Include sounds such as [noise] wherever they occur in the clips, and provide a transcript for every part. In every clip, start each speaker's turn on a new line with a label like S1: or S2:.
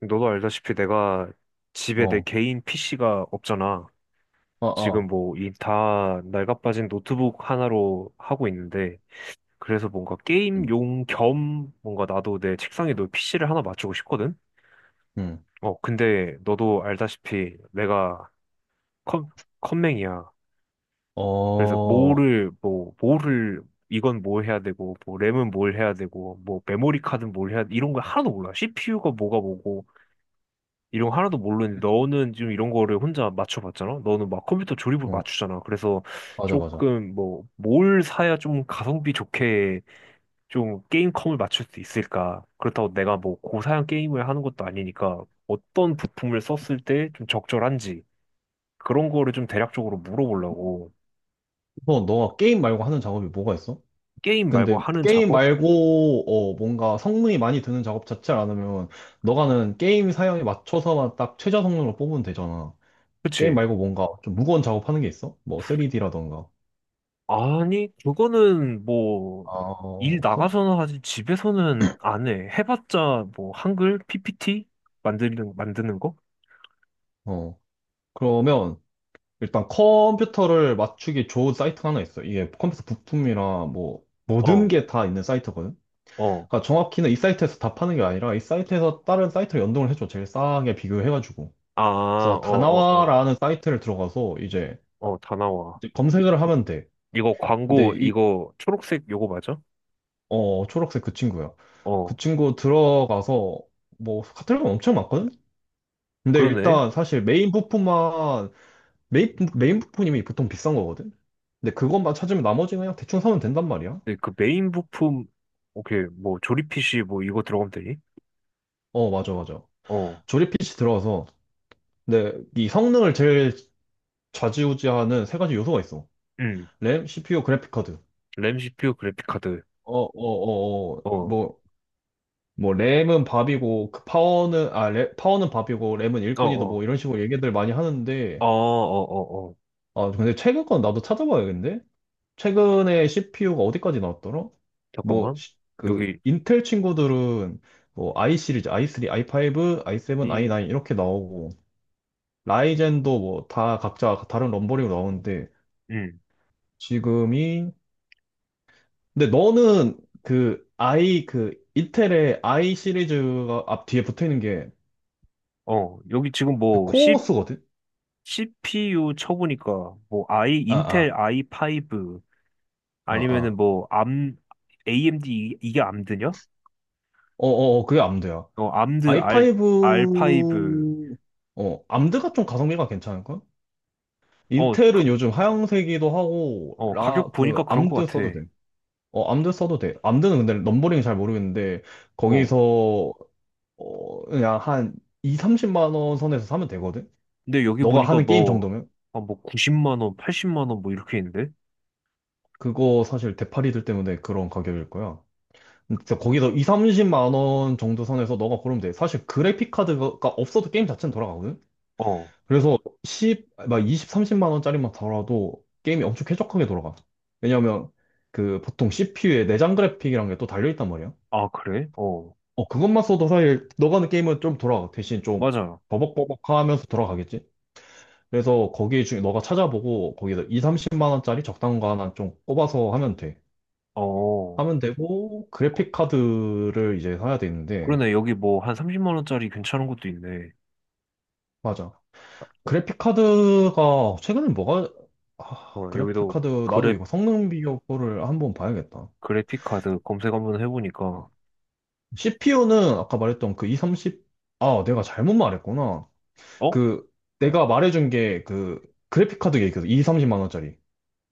S1: 너도 알다시피 내가 집에 내
S2: 어,
S1: 개인 PC가 없잖아.
S2: 어,
S1: 지금
S2: 어,
S1: 뭐 이 다 낡아빠진 노트북 하나로 하고 있는데, 그래서 뭔가
S2: 응,
S1: 게임용 겸 뭔가 나도 내 책상에 너 PC를 하나 맞추고 싶거든?
S2: 응,
S1: 어, 근데 너도 알다시피 내가 컴, 컴맹이야.
S2: 어,
S1: 그래서
S2: 어,
S1: 뭐를 이건 뭘 해야 되고, 뭐 램은 뭘 해야 되고, 뭐 메모리 카드는 뭘 해야, 이런 거 하나도 몰라. CPU가 뭐가 뭐고 이런 거 하나도 모르는데, 너는 지금 이런 거를 혼자 맞춰봤잖아? 너는 막 컴퓨터 조립으로 맞추잖아. 그래서
S2: 맞아, 맞아.
S1: 조금 뭐 뭘 사야 좀 가성비 좋게 좀 게임컴을 맞출 수 있을까? 그렇다고 내가 뭐 고사양 게임을 하는 것도 아니니까, 어떤 부품을 썼을 때 좀 적절한지 그런 거를 좀 대략적으로 물어보려고.
S2: 너가 게임 말고 하는 작업이 뭐가 있어?
S1: 게임 말고
S2: 근데
S1: 하는
S2: 게임
S1: 작업?
S2: 말고, 뭔가 성능이 많이 드는 작업 자체를 안 하면, 너가는 게임 사양에 맞춰서만 딱 최저 성능으로 뽑으면 되잖아. 게임
S1: 그치?
S2: 말고 뭔가 좀 무거운 작업하는 게 있어? 뭐 3D라던가.
S1: 아니, 그거는 뭐,
S2: 아,
S1: 일
S2: 없어?
S1: 나가서는 하지, 집에서는 안 해. 해봤자 뭐, 한글? PPT? 만드는 거?
S2: 어, 그러면 일단 컴퓨터를 맞추기 좋은 사이트가 하나 있어. 이게 컴퓨터 부품이랑 뭐, 모든
S1: 어,
S2: 게 다 있는 사이트거든.
S1: 어.
S2: 그러니까 정확히는 이 사이트에서 다 파는 게 아니라 이 사이트에서 다른 사이트를 연동을 해줘. 제일 싸게 비교해가지고.
S1: 아, 어,
S2: 그래서
S1: 어, 어.
S2: 다나와라는 사이트를 들어가서 이제
S1: 어, 다 나와.
S2: 이제 검색을 하면 돼.
S1: 이거 광고,
S2: 근데
S1: 이거 초록색 요거 맞아?
S2: 초록색 그 친구야. 그
S1: 어,
S2: 친구 들어가서 뭐 카테고리가 엄청 많거든? 근데
S1: 그러네.
S2: 일단 사실 메인 부품만, 메인 부품이 보통 비싼 거거든? 근데 그것만 찾으면 나머지는 그냥 대충 사면 된단 말이야.
S1: 근데 그 메인 부품, 오케이, 뭐, 조립 PC 뭐, 이거 들어가면 되니?
S2: 어, 맞아, 맞아.
S1: 어,
S2: 조립 PC 들어가서 근데 이 성능을 제일 좌지우지하는 세 가지 요소가 있어.
S1: 음.
S2: 램, CPU, 그래픽 카드.
S1: 램, CPU, 그래픽 카드.
S2: 어, 어, 어, 어.
S1: 어,
S2: 뭐, 뭐 램은 밥이고 그 파워는, 아, 램, 파워는 밥이고 램은
S1: 어,
S2: 일꾼이다
S1: 어.
S2: 뭐 이런 식으로 얘기들 많이
S1: 어, 어,
S2: 하는데.
S1: 어, 어.
S2: 아, 근데 최근 건 나도 찾아봐야겠는데? 최근에 CPU가 어디까지 나왔더라? 뭐,
S1: 잠깐만.
S2: 그,
S1: 여기,
S2: 인텔 친구들은 뭐, i 시리즈, i3, i5, i7,
S1: 이,
S2: i9 이렇게 나오고, 라이젠도 뭐, 다 각자 다른 럼버링으로 나오는데,
S1: 음.
S2: 지금이, 근데 너는 그 i 그 이텔의 i 시리즈가 앞 뒤에 붙어 있는 게
S1: 어, 여기 지금
S2: 그
S1: 뭐,
S2: 코어스거든?
S1: CPU 쳐보니까 뭐,
S2: 아,
S1: 인텔
S2: 아,
S1: i5,
S2: 아,
S1: 아니면은
S2: 아.
S1: 뭐, AMD. 이게 암드냐?
S2: 어, 어, 어, 그게 암드야.
S1: 어, R5.
S2: i5. 어, 암드가 좀 가성비가 괜찮을걸?
S1: 어,
S2: 인텔은 요즘 하향세기도 하고
S1: 어, 가격
S2: 라
S1: 보니까
S2: 그
S1: 그런 것
S2: 암드
S1: 같아.
S2: 써도 돼. 어, 암드 써도 돼. 암드는 근데 넘버링이 잘 모르겠는데
S1: 어.
S2: 거기서 그냥 한 2, 30만 원 선에서 사면 되거든.
S1: 근데 여기
S2: 너가
S1: 보니까
S2: 하는 게임
S1: 뭐,
S2: 정도면.
S1: 아, 뭐, 90만 원, 80만 원, 뭐, 이렇게 있는데?
S2: 그거 사실 대파리들 때문에 그런 가격일 거야. 진짜 거기서 2, 30만 원 정도 선에서 너가 고르면 돼. 사실 그래픽 카드가 없어도 게임 자체는 돌아가거든.
S1: 어.
S2: 그래서 10, 막 20, 30만 원짜리만 달아도 게임이 엄청 쾌적하게 돌아가. 왜냐면 그 보통 CPU에 내장 그래픽이란 게 또 달려있단 말이야.
S1: 아, 그래? 어.
S2: 어, 그것만 써도 사실 너가 하는 게임은 좀 돌아가. 대신 좀
S1: 맞아.
S2: 버벅버벅하면서 돌아가겠지. 그래서 거기 중에 너가 찾아보고 거기서 2, 30만 원짜리 적당한 거 하나 좀 꼽아서 하면 돼.
S1: 어.
S2: 하면 되고, 그래픽 카드를 이제 사야 되는데,
S1: 그러네. 여기 뭐, 한 30만 원짜리 괜찮은 것도 있네.
S2: 맞아. 그래픽 카드가, 최근에 뭐가, 아,
S1: 어,
S2: 그래픽
S1: 여기도
S2: 카드, 나도
S1: 그래
S2: 이거 성능 비교 거를 한번 봐야겠다.
S1: 그래픽 카드 검색 한번 해보니까.
S2: CPU는 아까 말했던 그 230, 아, 내가 잘못 말했구나.
S1: 어?
S2: 그, 내가 말해준 게 그, 그래픽 카드 얘기해서 230만 원짜리.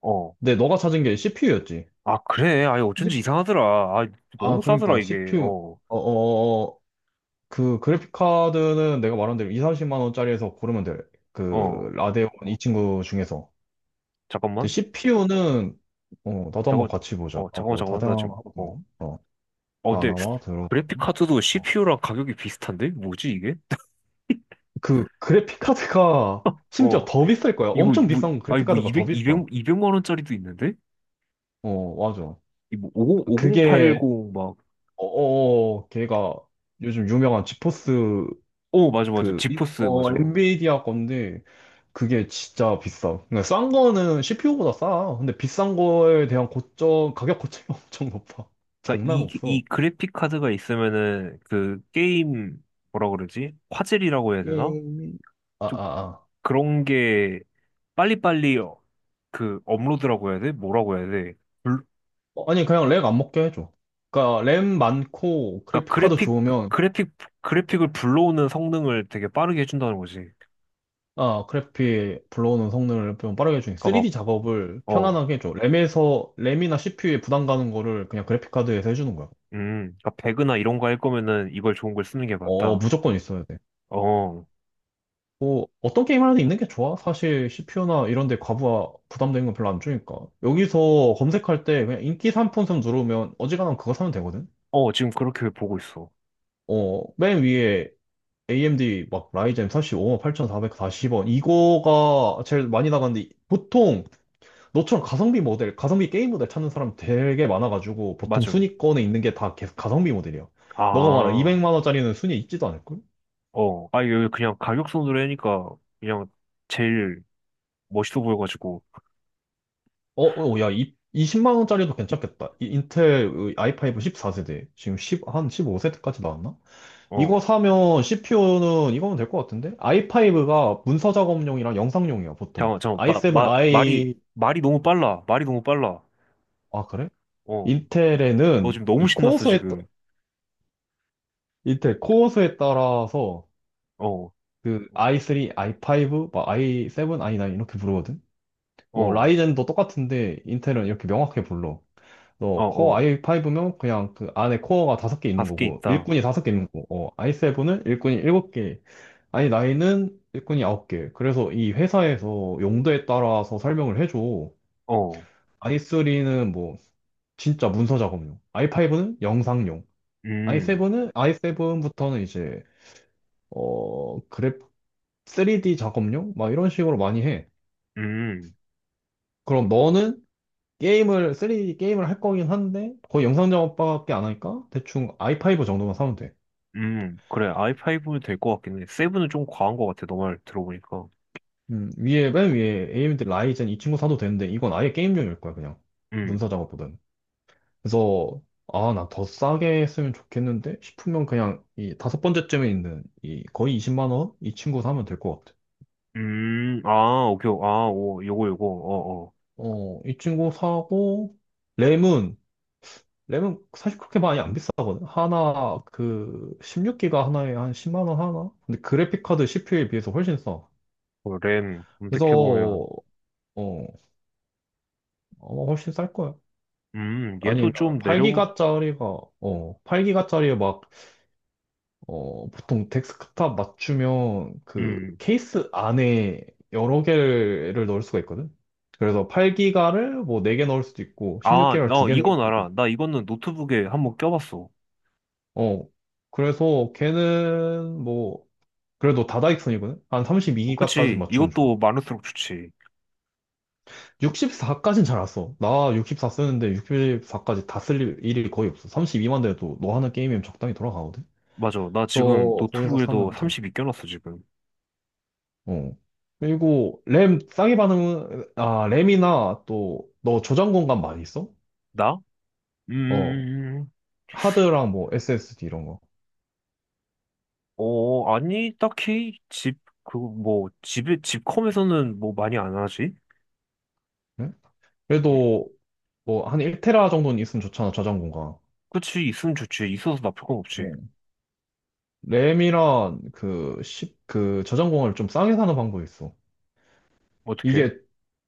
S1: 어.
S2: 근데 너가 찾은 게 CPU였지.
S1: 아, 그래. 아, 어쩐지 이상하더라. 아,
S2: 아,
S1: 너무 싸더라,
S2: 그러니까
S1: 이게.
S2: CPU.
S1: 어,
S2: 어어어 그 그래픽 카드는 내가 말한 대로 2, 30만 원짜리에서 고르면 돼. 그
S1: 어.
S2: 라데온 이 친구 중에서. 근데
S1: 잠깐만.
S2: CPU는 나도 한번
S1: 잠깐만.
S2: 같이 보자.
S1: 어, 잠깐만,
S2: 나도
S1: 잠깐만. 나 지금. 어.
S2: 다양하거든.
S1: 어, 근데
S2: 다나와 들어.
S1: 그래픽 카드도
S2: 어.
S1: CPU랑 가격이 비슷한데? 뭐지, 이게?
S2: 그 그래픽 카드가 심지어
S1: 어.
S2: 더 비쌀 거야.
S1: 이거,
S2: 엄청
S1: 뭐,
S2: 비싼
S1: 아니,
S2: 그래픽
S1: 뭐,
S2: 카드가 더
S1: 200, 백
S2: 비싸.
S1: 이백 만 원짜리도 있는데?
S2: 어, 맞아.
S1: 이 뭐, 50, 오공 8
S2: 그게
S1: 0 막.
S2: 어어 걔가 요즘 유명한 지포스,
S1: 어, 맞아, 맞아. 지포스, 맞아.
S2: 엔비디아 건데. 그게 진짜 비싸. 그러니까 싼 거는 CPU보다 싸. 근데 비싼 거에 대한 고점, 가격 고점이 [laughs] 엄청 높아.
S1: 그니까,
S2: 장난 없어.
S1: 이 그래픽 카드가 있으면은, 그, 게임, 뭐라 그러지? 화질이라고 해야 되나?
S2: 게임이, 아,
S1: 좀
S2: 아, 아.
S1: 그런 게 빨리빨리, 어, 그 업로드라고 해야 돼? 뭐라고 해야 돼? 불,
S2: 어, 아니, 그냥 렉 안 먹게 해줘. 그러니까 램 많고
S1: 그러니까
S2: 그래픽카드 좋으면,
S1: 그래픽 그래픽을 불러오는 성능을 되게 빠르게 해준다는 거지.
S2: 아, 그래픽 불러오는 성능을 좀 빠르게 해주니
S1: 그러니까 막
S2: 3D 작업을
S1: 어,
S2: 편안하게 해줘. 램에서 램이나 CPU에 부담 가는 거를 그냥 그래픽카드에서 해주는 거야.
S1: 그러니까 배그나 이런 거 할 거면은 이걸 좋은 걸 쓰는 게
S2: 어,
S1: 맞다.
S2: 무조건 있어야 돼.
S1: 어,
S2: 뭐 어떤 게임 하나도 있는 게 좋아. 사실 CPU나 이런 데 과부하 부담되는 건 별로 안 주니까. 여기서 검색할 때 그냥 인기 상품성 누르면 어지간하면 그거 사면 되거든.
S1: 어, 지금 그렇게 보고 있어.
S2: 어, 맨 위에 AMD 막 라이젠 4 5 8440원 이거가 제일 많이 나가는데 보통 너처럼 가성비 모델, 가성비 게임 모델 찾는 사람 되게 많아가지고 보통
S1: 맞아.
S2: 순위권에 있는 게 다 계속 가성비 모델이야. 너가 말한
S1: 아,
S2: 200만 원짜리는 순위에 있지도 않을걸?
S1: 어, 아, 이거 그냥 가격선으로 하니까 그냥 제일 멋있어 보여가지고.
S2: 어, 어, 야, 이십0만 원짜리도 괜찮겠다. 이 인텔 i5 14세대. 지금 십한 15세대까지 나왔나?
S1: 어,
S2: 이거 사면 CPU는 이거면 될 것 같은데? i5가 문서 작업용이랑 영상용이야, 보통.
S1: 잠깐 잠깐
S2: i7,
S1: 말이
S2: i,
S1: 말이 너무 빨라. 말이 너무 빨라.
S2: 아, 그래?
S1: 어. 너
S2: 인텔에는
S1: 지금
S2: 이
S1: 너무 신났어,
S2: 코어수에,
S1: 지금.
S2: 인텔 코어수에 따라서
S1: 어,
S2: 그 i3, i5, 막 i7, i9 이렇게 부르거든? 뭐,
S1: 어,
S2: 라이젠도 똑같은데 인텔은 이렇게 명확하게 불러.
S1: 어,
S2: 너 코어
S1: 어.
S2: i5면 그냥 그 안에 코어가 다섯 개 있는
S1: 다섯 개
S2: 거고
S1: 있다.
S2: 일꾼이 다섯 개 있는 거고, 어, i7은 일꾼이 일곱 개, 아니 나인은 일꾼이 아홉 개. 그래서 이 회사에서 용도에 따라서 설명을 해줘.
S1: 어,
S2: i3는 뭐 진짜 문서 작업용, i5는 영상용,
S1: 음,
S2: i7은, i 븐부터는 이제, 어 그래프 3D 작업용 막 이런 식으로 많이 해.
S1: 음,
S2: 그럼 너는 게임을, 3D 게임을 할 거긴 한데 거의 영상 작업밖에 안 하니까 대충 i5 정도만 사면 돼.
S1: 그래, i5는 될 것 같긴 해. 7은 좀 과한 것 같아, 너말 들어보니까.
S2: 맨 위에 AMD 라이젠 이 친구 사도 되는데, 이건 아예 게임용일 거야, 그냥.
S1: 음,
S2: 문서 작업보다는. 그래서, 아, 나 더 싸게 쓰면 좋겠는데? 싶으면 그냥 이 다섯 번째쯤에 있는 이 거의 20만 원? 이 친구 사면 될 것 같아.
S1: 아, 오케이, 아, 오, 요거, 요거, 어, 어.
S2: 어, 이 친구 사고, 램은, 램은, 사실 그렇게 많이 안 비싸거든. 하나, 그, 16기가 하나에 한 10만 원 하나? 근데 그래픽카드 CPU에 비해서 훨씬 싸.
S1: 어, 램
S2: 그래서,
S1: 검색해보면.
S2: 아마 훨씬 쌀 거야.
S1: 얘도
S2: 아니면
S1: 좀 내려보,
S2: 8기가짜리가, 8기가짜리 에 막, 보통 데스크탑 맞추면 그
S1: 음.
S2: 케이스 안에 여러 개를 넣을 수가 있거든. 그래서 8기가를 뭐 4개 넣을 수도 있고
S1: 아,
S2: 16기가를
S1: 어,
S2: 2개 넣을
S1: 이건
S2: 수도 있고.
S1: 알아. 나 이거는 노트북에 한번 껴봤어.
S2: 어. 그래서 걔는 뭐 그래도 다다익선이거든. 한
S1: 어,
S2: 32기가까지
S1: 그치,
S2: 맞추면 좋아.
S1: 이것도 많을수록 좋지.
S2: 64까지는 잘 안 써. 나 64 쓰는데 64까지 다 쓸 일이 거의 없어. 32만 돼도 너 하는 게임이면 적당히 돌아가거든.
S1: 맞아, 나 지금
S2: 그래서 거기서
S1: 노트북에도
S2: 사면 돼.
S1: 32 껴놨어, 지금.
S2: 어. 그리고 램 싸게 받는, 아, 램이나 또 너 저장 공간 많이 있어?
S1: 나?
S2: 어
S1: 음,
S2: 하드랑 뭐 SSD 이런 거.
S1: 어, 아니, 딱히 뭐, 집컴에서는 뭐 많이 안 하지?
S2: 응?
S1: 음.
S2: 그래도 뭐 한 1테라 정도는 있으면 좋잖아, 저장 공간.
S1: 그치, 있으면 좋지. 있어서 나쁠 건 없지.
S2: 어. 램이랑 그1그 저장 공간을 좀 싸게 사는 방법이 있어.
S1: 어떻게?
S2: 이게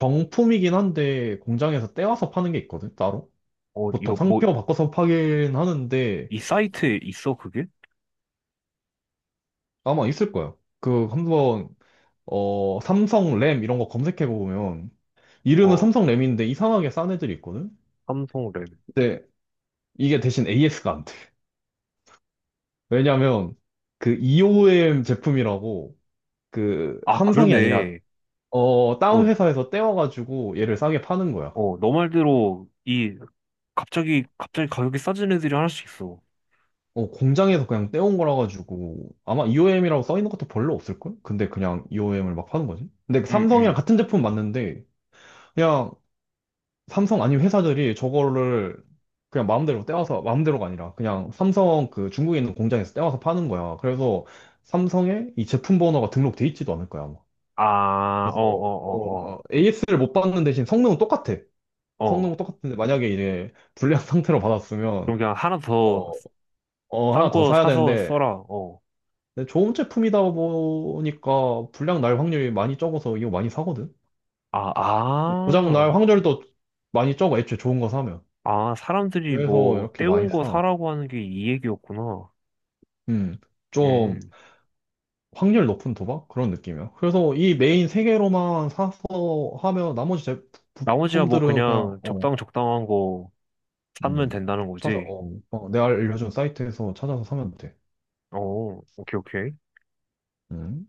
S2: 정품이긴 한데 공장에서 떼와서 파는 게 있거든, 따로.
S1: 어,
S2: 보통
S1: 이거 뭐,
S2: 상표 바꿔서 파긴 하는데
S1: 이 사이트에 있어, 그게?
S2: 아마 있을 거야. 그 한번, 삼성 램 이런 거 검색해 보면 이름은
S1: 어,
S2: 삼성 램인데 이상하게 싼 애들이 있거든?
S1: 삼성 랩.
S2: 근데 이게 대신 AS가 안 돼. 왜냐면 그 EOM 제품이라고, 그
S1: 아,
S2: 삼성이 아니라,
S1: 그러네.
S2: 다운
S1: 어,
S2: 회사에서 떼와가지고 얘를 싸게 파는 거야.
S1: 어, 너 말대로, 이, 갑자기 가격이 싸진 애들이 하나씩 있어.
S2: 어, 공장에서 그냥 떼온 거라 가지고 아마 EOM이라고 써 있는 것도 별로 없을걸? 근데 그냥 EOM을 막 파는 거지. 근데 그 삼성이랑
S1: 응응.
S2: 같은 제품 맞는데 그냥, 삼성 아니면 회사들이 저거를 그냥 마음대로 떼와서, 마음대로가 아니라 그냥 삼성 그 중국에 있는 공장에서 떼와서 파는 거야. 그래서 삼성에 이 제품 번호가 등록돼 있지도 않을 거야, 아마.
S1: 아, 어,
S2: 그래서,
S1: 어, 어,
S2: AS를 못 받는 대신 성능은 똑같아.
S1: 어,
S2: 성능은
S1: 어.
S2: 똑같은데 만약에 이제 불량 [laughs] 상태로 받았으면,
S1: 그럼 그냥 하나 더
S2: 어,
S1: 싼
S2: 하나 더
S1: 거
S2: 사야
S1: 사서
S2: 되는데
S1: 써라, 어.
S2: 근데 좋은 제품이다 보니까 불량 날 확률이 많이 적어서 이거 많이 사거든.
S1: 아,
S2: 뭐 고장 날
S1: 아.
S2: 확률도 많이 적어, 애초에 좋은 거 사면.
S1: 아, 사람들이
S2: 그래서
S1: 뭐
S2: 이렇게
S1: 때운
S2: 많이
S1: 거
S2: 사.
S1: 사라고 하는 게 이 얘기였구나.
S2: 음, 좀
S1: 음.
S2: 확률 높은 도박? 그런 느낌이야. 그래서 이 메인 세 개로만 사서 하면 나머지 제
S1: 나머지야 뭐
S2: 부품들은 그냥,
S1: 그냥
S2: 어,
S1: 적당한 거 사면
S2: 음,
S1: 된다는
S2: 찾아,
S1: 거지.
S2: 어, 어, 내가 알려준 사이트에서 찾아서 사면 돼.
S1: 어, 오케이, 오케이.
S2: 음.